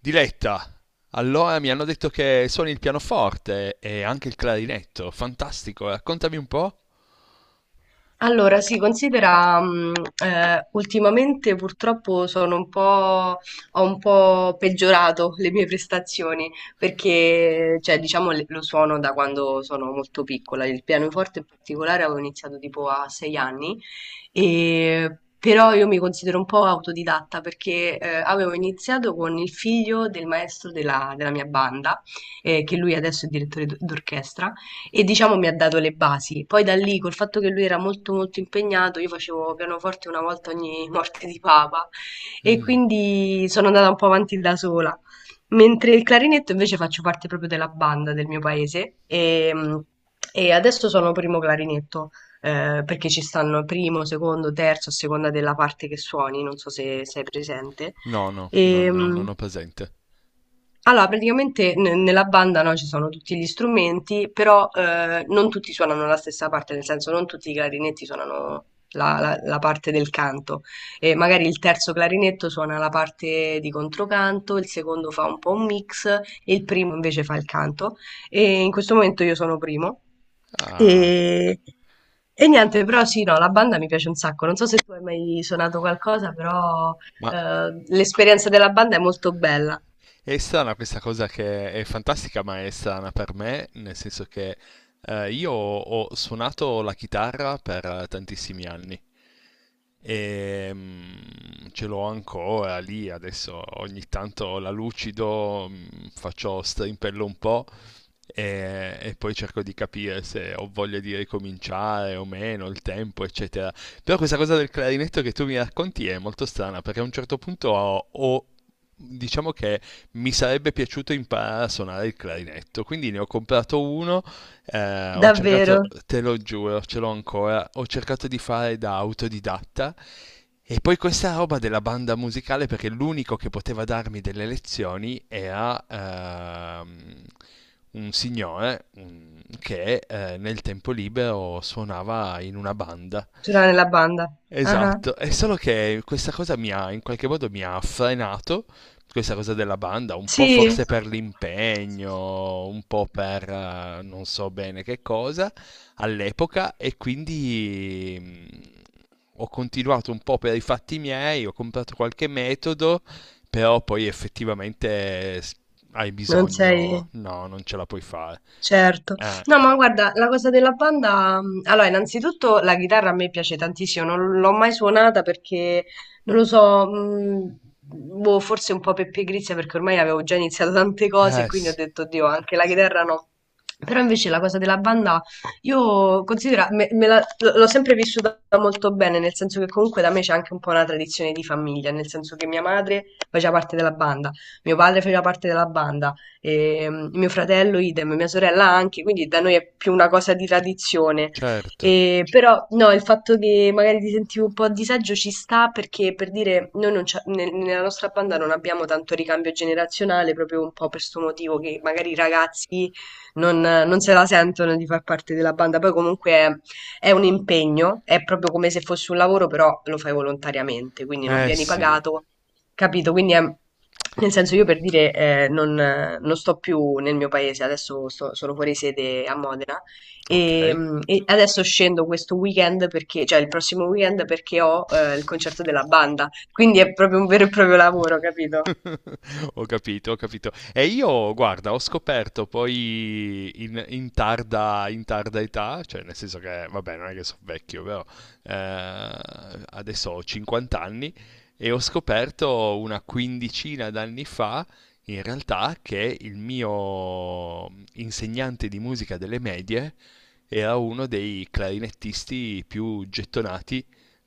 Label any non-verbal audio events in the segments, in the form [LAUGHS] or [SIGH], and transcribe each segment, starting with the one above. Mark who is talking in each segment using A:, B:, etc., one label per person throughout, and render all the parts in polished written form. A: Diletta, allora mi hanno detto che suoni il pianoforte e anche il clarinetto. Fantastico, raccontami un po'.
B: Allora, si considera, ultimamente purtroppo sono un po', ho un po' peggiorato le mie prestazioni perché, cioè, diciamo, lo suono da quando sono molto piccola. Il pianoforte in particolare avevo iniziato tipo a 6 anni, però io mi considero un po' autodidatta perché avevo iniziato con il figlio del maestro della mia banda, che lui adesso è direttore d'orchestra e diciamo mi ha dato le basi. Poi da lì, col fatto che lui era molto molto impegnato, io facevo pianoforte una volta ogni morte di papa e
A: Mm.
B: quindi sono andata un po' avanti da sola. Mentre il clarinetto invece faccio parte proprio della banda del mio paese e adesso sono primo clarinetto, perché ci stanno primo, secondo, terzo, a seconda della parte che suoni, non so se sei presente.
A: No, no, non,
B: E,
A: non ho presente.
B: allora, praticamente nella banda no, ci sono tutti gli strumenti, però non tutti suonano la stessa parte, nel senso non tutti i clarinetti suonano la parte del canto. E magari il terzo clarinetto suona la parte di controcanto, il secondo fa un po' un mix e il primo invece fa il canto. E in questo momento io sono primo.
A: Ah,
B: E, e niente, però sì, no, la banda mi piace un sacco. Non so se tu hai mai suonato qualcosa, però
A: ma
B: l'esperienza della banda è molto bella.
A: è strana questa cosa che è fantastica, ma è strana per me, nel senso che io ho suonato la chitarra per tantissimi anni. E, ce l'ho ancora lì, adesso ogni tanto la lucido, faccio strimpello un po' e poi cerco di capire se ho voglia di ricominciare o meno, il tempo, eccetera. Però questa cosa del clarinetto che tu mi racconti è molto strana perché a un certo punto diciamo che mi sarebbe piaciuto imparare a suonare il clarinetto, quindi ne ho comprato uno ho cercato,
B: Davvero?
A: te lo giuro, ce l'ho ancora, ho cercato di fare da autodidatta e poi questa roba della banda musicale perché l'unico che poteva darmi delle lezioni era un signore che nel tempo libero suonava in una banda.
B: Ce l'ha nella banda. Ah ah.
A: Esatto, è solo che questa cosa mi ha, in qualche modo mi ha frenato, questa cosa della banda, un po'
B: Sì?
A: forse per l'impegno, un po' per non so bene che cosa all'epoca e quindi ho continuato un po' per i fatti miei, ho comprato qualche metodo, però poi effettivamente hai
B: Non sei...
A: bisogno, no, non ce la puoi fare.
B: Certo.
A: Eh,
B: No, ma guarda, la cosa della banda, mm, allora, innanzitutto la chitarra a me piace tantissimo, non l'ho mai suonata perché, non lo so, mm, boh, forse un po' per pigrizia perché ormai avevo già iniziato [LAUGHS] tante cose e
A: eh
B: quindi ho
A: sì,
B: detto, Dio, anche la chitarra no. Però invece la cosa della banda, io considero, l'ho sempre vissuta molto bene, nel senso che comunque da me c'è anche un po' una tradizione di famiglia, nel senso che mia madre faceva parte della banda, mio padre faceva parte della banda e mm, mio fratello idem, mia sorella anche, quindi da noi è più una cosa di tradizione.
A: certo,
B: E, però no, il fatto che magari ti sentivo un po' a disagio ci sta perché per dire noi non c'ha- nel- nella nostra banda non abbiamo tanto ricambio generazionale, proprio un po' per questo motivo che magari i ragazzi non se la sentono di far parte della banda, poi comunque è un impegno, è proprio come se fosse un lavoro, però lo fai volontariamente, quindi non
A: eh
B: vieni
A: sì,
B: pagato. Capito? Quindi è, nel senso io per dire non sto più nel mio paese, adesso sono fuori sede a Modena
A: ok.
B: e adesso scendo questo weekend perché, cioè il prossimo weekend perché ho il concerto
A: [LAUGHS]
B: della banda, quindi è proprio un vero e proprio lavoro, capito?
A: Ho capito, ho capito. E io, guarda, ho scoperto poi in tarda età, cioè nel senso che, vabbè, non è che sono vecchio, però eh, adesso ho 50 anni e ho scoperto una quindicina d'anni fa, in realtà, che il mio insegnante di musica delle medie era uno dei clarinettisti più gettonati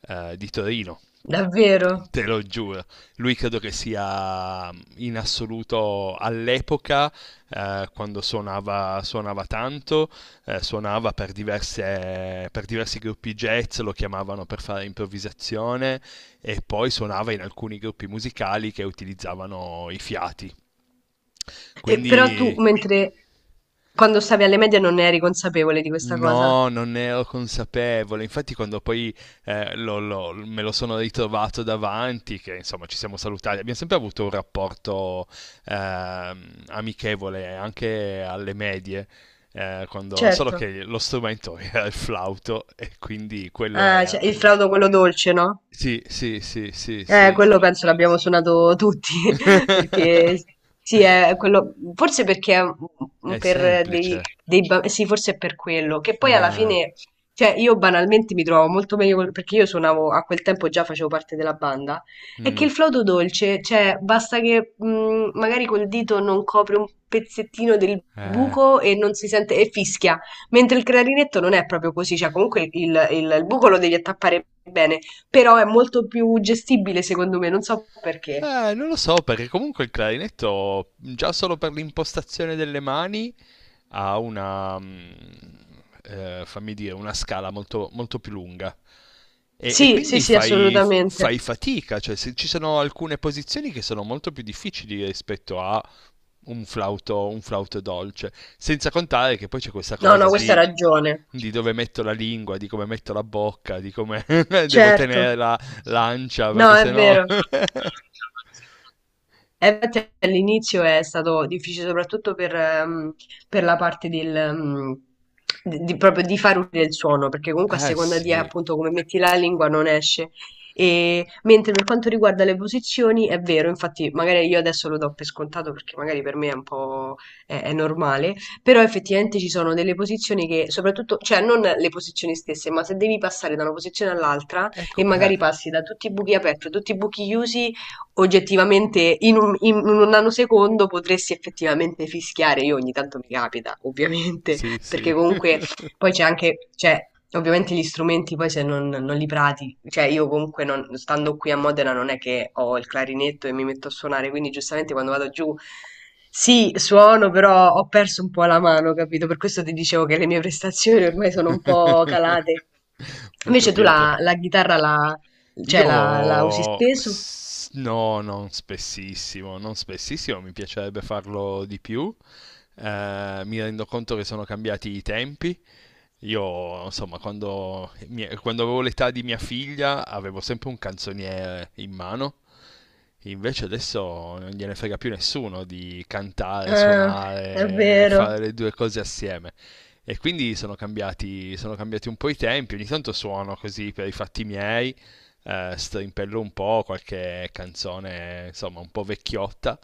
A: di Torino.
B: Davvero.
A: Te lo giuro, lui credo che sia in assoluto all'epoca, quando suonava, suonava tanto, suonava per, per diversi gruppi jazz, lo chiamavano per fare improvvisazione e poi suonava in alcuni gruppi musicali che utilizzavano i fiati.
B: E, però tu,
A: Quindi.
B: mentre quando stavi alle medie non ne eri consapevole di questa cosa?
A: No, non ne ero consapevole. Infatti, quando poi me lo sono ritrovato davanti, che insomma ci siamo salutati, abbiamo sempre avuto un rapporto amichevole anche alle medie, solo
B: Certo.
A: che lo strumento [LAUGHS] era il flauto e quindi quello
B: Ah,
A: era.
B: cioè, il flauto quello dolce, no?
A: Sì, sì, sì, sì, sì.
B: Quello penso l'abbiamo suonato tutti, [LAUGHS]
A: [LAUGHS]
B: perché sì, è quello, forse perché è
A: È
B: un- per dei,
A: semplice.
B: dei ba- sì, forse è per quello, che poi alla
A: Eh.
B: fine, cioè io banalmente mi trovo molto meglio, perché io suonavo, a quel tempo già facevo parte della banda, è che
A: Mm.
B: il flauto dolce, cioè basta che magari col dito non copre un pezzettino del
A: Eh.
B: buco e non si sente, e fischia, mentre il clarinetto non è proprio così, cioè comunque il buco lo devi attappare bene però è molto più gestibile secondo me, non so perché.
A: Non lo so, perché comunque il clarinetto, già solo per l'impostazione delle mani, ha una, fammi dire, una scala molto, molto più lunga. E
B: Sì, sì,
A: quindi
B: sì,
A: fai,
B: assolutamente.
A: fai fatica, cioè ci sono alcune posizioni che sono molto più difficili rispetto a un flauto dolce. Senza contare che poi c'è questa
B: No, no,
A: cosa
B: questa ha
A: di,
B: ragione.
A: dove metto la lingua, di come metto la bocca, di come [LAUGHS] devo
B: Certo.
A: tenere la l'ancia,
B: No,
A: perché
B: è
A: sennò...
B: vero.
A: [LAUGHS]
B: Infatti all'inizio è stato difficile soprattutto per la parte del, proprio di far uscire il suono, perché comunque a
A: Eh
B: seconda di
A: sì.
B: appunto come metti la lingua non esce. E, mentre per quanto riguarda le posizioni, è vero, infatti magari io adesso lo do per scontato perché magari per me è un po' è normale, però effettivamente ci sono delle posizioni che soprattutto, cioè non le posizioni stesse, ma se devi passare da una posizione all'altra
A: Ecco,
B: e magari passi da tutti i buchi aperti a tutti i buchi chiusi, oggettivamente in un nanosecondo potresti effettivamente fischiare. Io ogni tanto mi capita, ovviamente,
A: sì,
B: [LAUGHS]
A: sì,
B: perché comunque poi c'è anche, cioè, ovviamente gli strumenti poi se non li prati, cioè io comunque stando qui a Modena non è che ho il clarinetto e mi metto a suonare, quindi giustamente quando vado giù sì, suono, però ho perso un po' la mano, capito? Per questo ti dicevo che le mie prestazioni ormai sono un po'
A: [LAUGHS]
B: calate.
A: ho
B: Invece tu
A: capito.
B: la chitarra cioè la usi spesso?
A: No, non spessissimo, non spessissimo, mi piacerebbe farlo di più. Mi rendo conto che sono cambiati i tempi. Io, insomma, quando avevo l'età di mia figlia avevo sempre un canzoniere in mano, invece adesso non gliene frega più nessuno di cantare,
B: Ah, è
A: suonare,
B: vero,
A: fare le due cose assieme. E quindi sono cambiati un po' i tempi, ogni tanto suono così per i fatti miei, strimpello un po' qualche canzone, insomma, un po' vecchiotta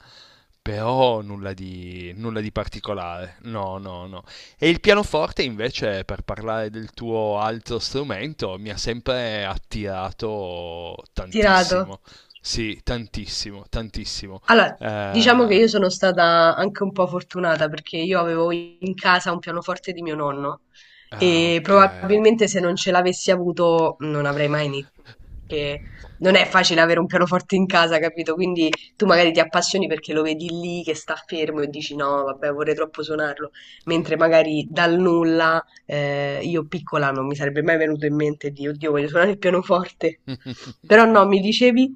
A: però nulla di particolare, no, no, no. E il pianoforte invece, per parlare del tuo altro strumento, mi ha sempre attirato
B: tirato.
A: tantissimo. Sì, tantissimo, tantissimo.
B: Allora, diciamo
A: Eh.
B: che io sono stata anche un po' fortunata perché io avevo in casa un pianoforte di mio nonno
A: Ah,
B: e
A: ok.
B: probabilmente se non ce l'avessi avuto non avrei mai iniziato perché non è facile avere un pianoforte in casa, capito? Quindi tu magari ti appassioni perché lo vedi lì che sta fermo e dici no, vabbè, vorrei troppo suonarlo, mentre magari dal nulla io piccola non mi sarebbe mai venuto in mente di oddio, voglio suonare il pianoforte.
A: [LAUGHS]
B: Però no, mi dicevi?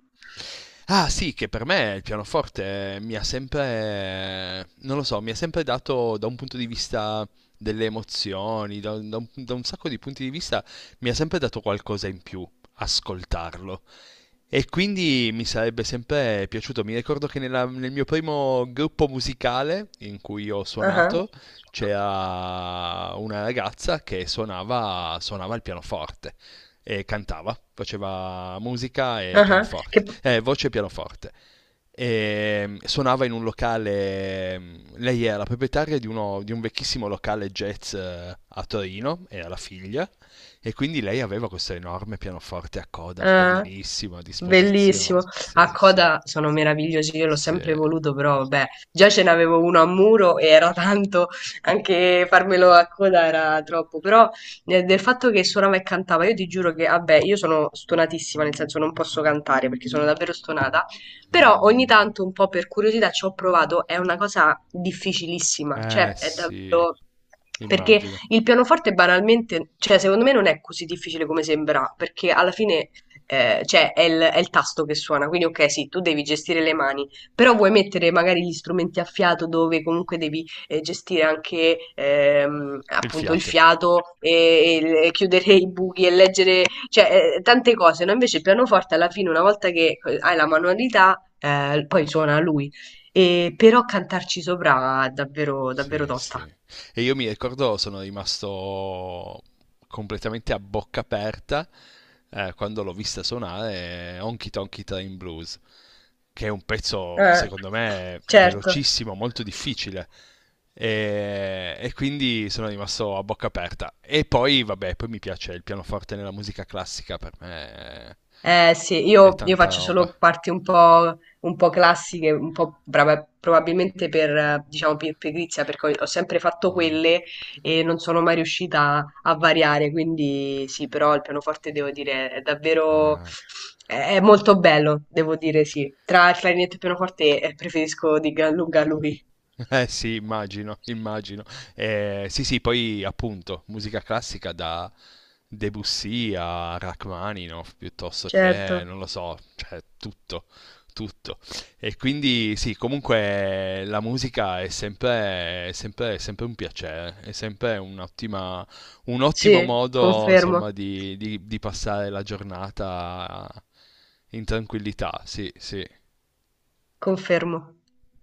A: Ah sì, che per me il pianoforte mi ha sempre, non lo so, mi ha sempre dato da un punto di vista delle emozioni, da un sacco di punti di vista, mi ha sempre dato qualcosa in più ascoltarlo. E quindi mi sarebbe sempre piaciuto. Mi ricordo che nel mio primo gruppo musicale in cui ho
B: Ah ah.
A: suonato c'era una ragazza che suonava il pianoforte e cantava, faceva musica e
B: Ah-ah, che
A: pianoforte,
B: p.
A: voce e pianoforte. E suonava in un locale, lei era la proprietaria di, di un vecchissimo locale jazz a Torino, era la figlia, e quindi lei aveva questo enorme pianoforte a coda,
B: Eh,
A: bellissimo, a
B: bellissimo.
A: disposizione. Sì,
B: A
A: sì,
B: coda sono meravigliosi, io l'ho sempre
A: sì.
B: voluto, però vabbè, già ce n'avevo uno a muro e era tanto, anche farmelo a coda era troppo, però del fatto che suonava e cantava, io ti giuro che, vabbè, io sono stonatissima, nel senso non posso cantare perché sono davvero stonata, però ogni tanto un po' per curiosità ci ho provato, è una cosa difficilissima, cioè è
A: Sì,
B: davvero... Perché
A: immagino.
B: il pianoforte banalmente, cioè secondo me non è così difficile come sembra, perché alla fine cioè è il tasto che suona, quindi ok, sì, tu devi gestire le mani, però vuoi mettere magari gli strumenti a fiato dove comunque devi gestire anche
A: Il
B: appunto il
A: fiato.
B: fiato e chiudere i buchi e leggere, cioè tante cose, no? Invece il pianoforte alla fine, una volta che hai la manualità, poi suona lui, però cantarci sopra è davvero, davvero
A: Sì, sì.
B: tosta.
A: E io mi ricordo, sono rimasto completamente a bocca aperta quando l'ho vista suonare Honky Tonky Train Blues. Che è un pezzo
B: Eh,
A: secondo me
B: certo.
A: velocissimo, molto difficile. E quindi sono rimasto a bocca aperta. E poi, vabbè, poi mi piace il pianoforte nella musica classica, per me è,
B: Eh sì,
A: è
B: io
A: tanta
B: faccio
A: roba.
B: solo parti un po' classiche, un po' brava probabilmente per, diciamo, per pigrizia, perché ho sempre fatto
A: Mm.
B: quelle e non sono mai riuscita a variare, quindi sì, però il pianoforte devo dire è davvero
A: Eh.
B: è molto bello, devo dire sì. Tra il clarinetto e il pianoforte preferisco di gran lunga lui.
A: [LAUGHS] Eh sì, immagino, immagino. Sì, sì, poi appunto, musica classica da Debussy a Rachmaninoff, piuttosto
B: Certo,
A: che, non lo so, cioè tutto, tutto. E quindi sì, comunque la musica è sempre un piacere, è sempre un ottimo
B: sì,
A: modo,
B: confermo,
A: insomma, di passare la giornata in tranquillità, sì, sì.
B: confermo.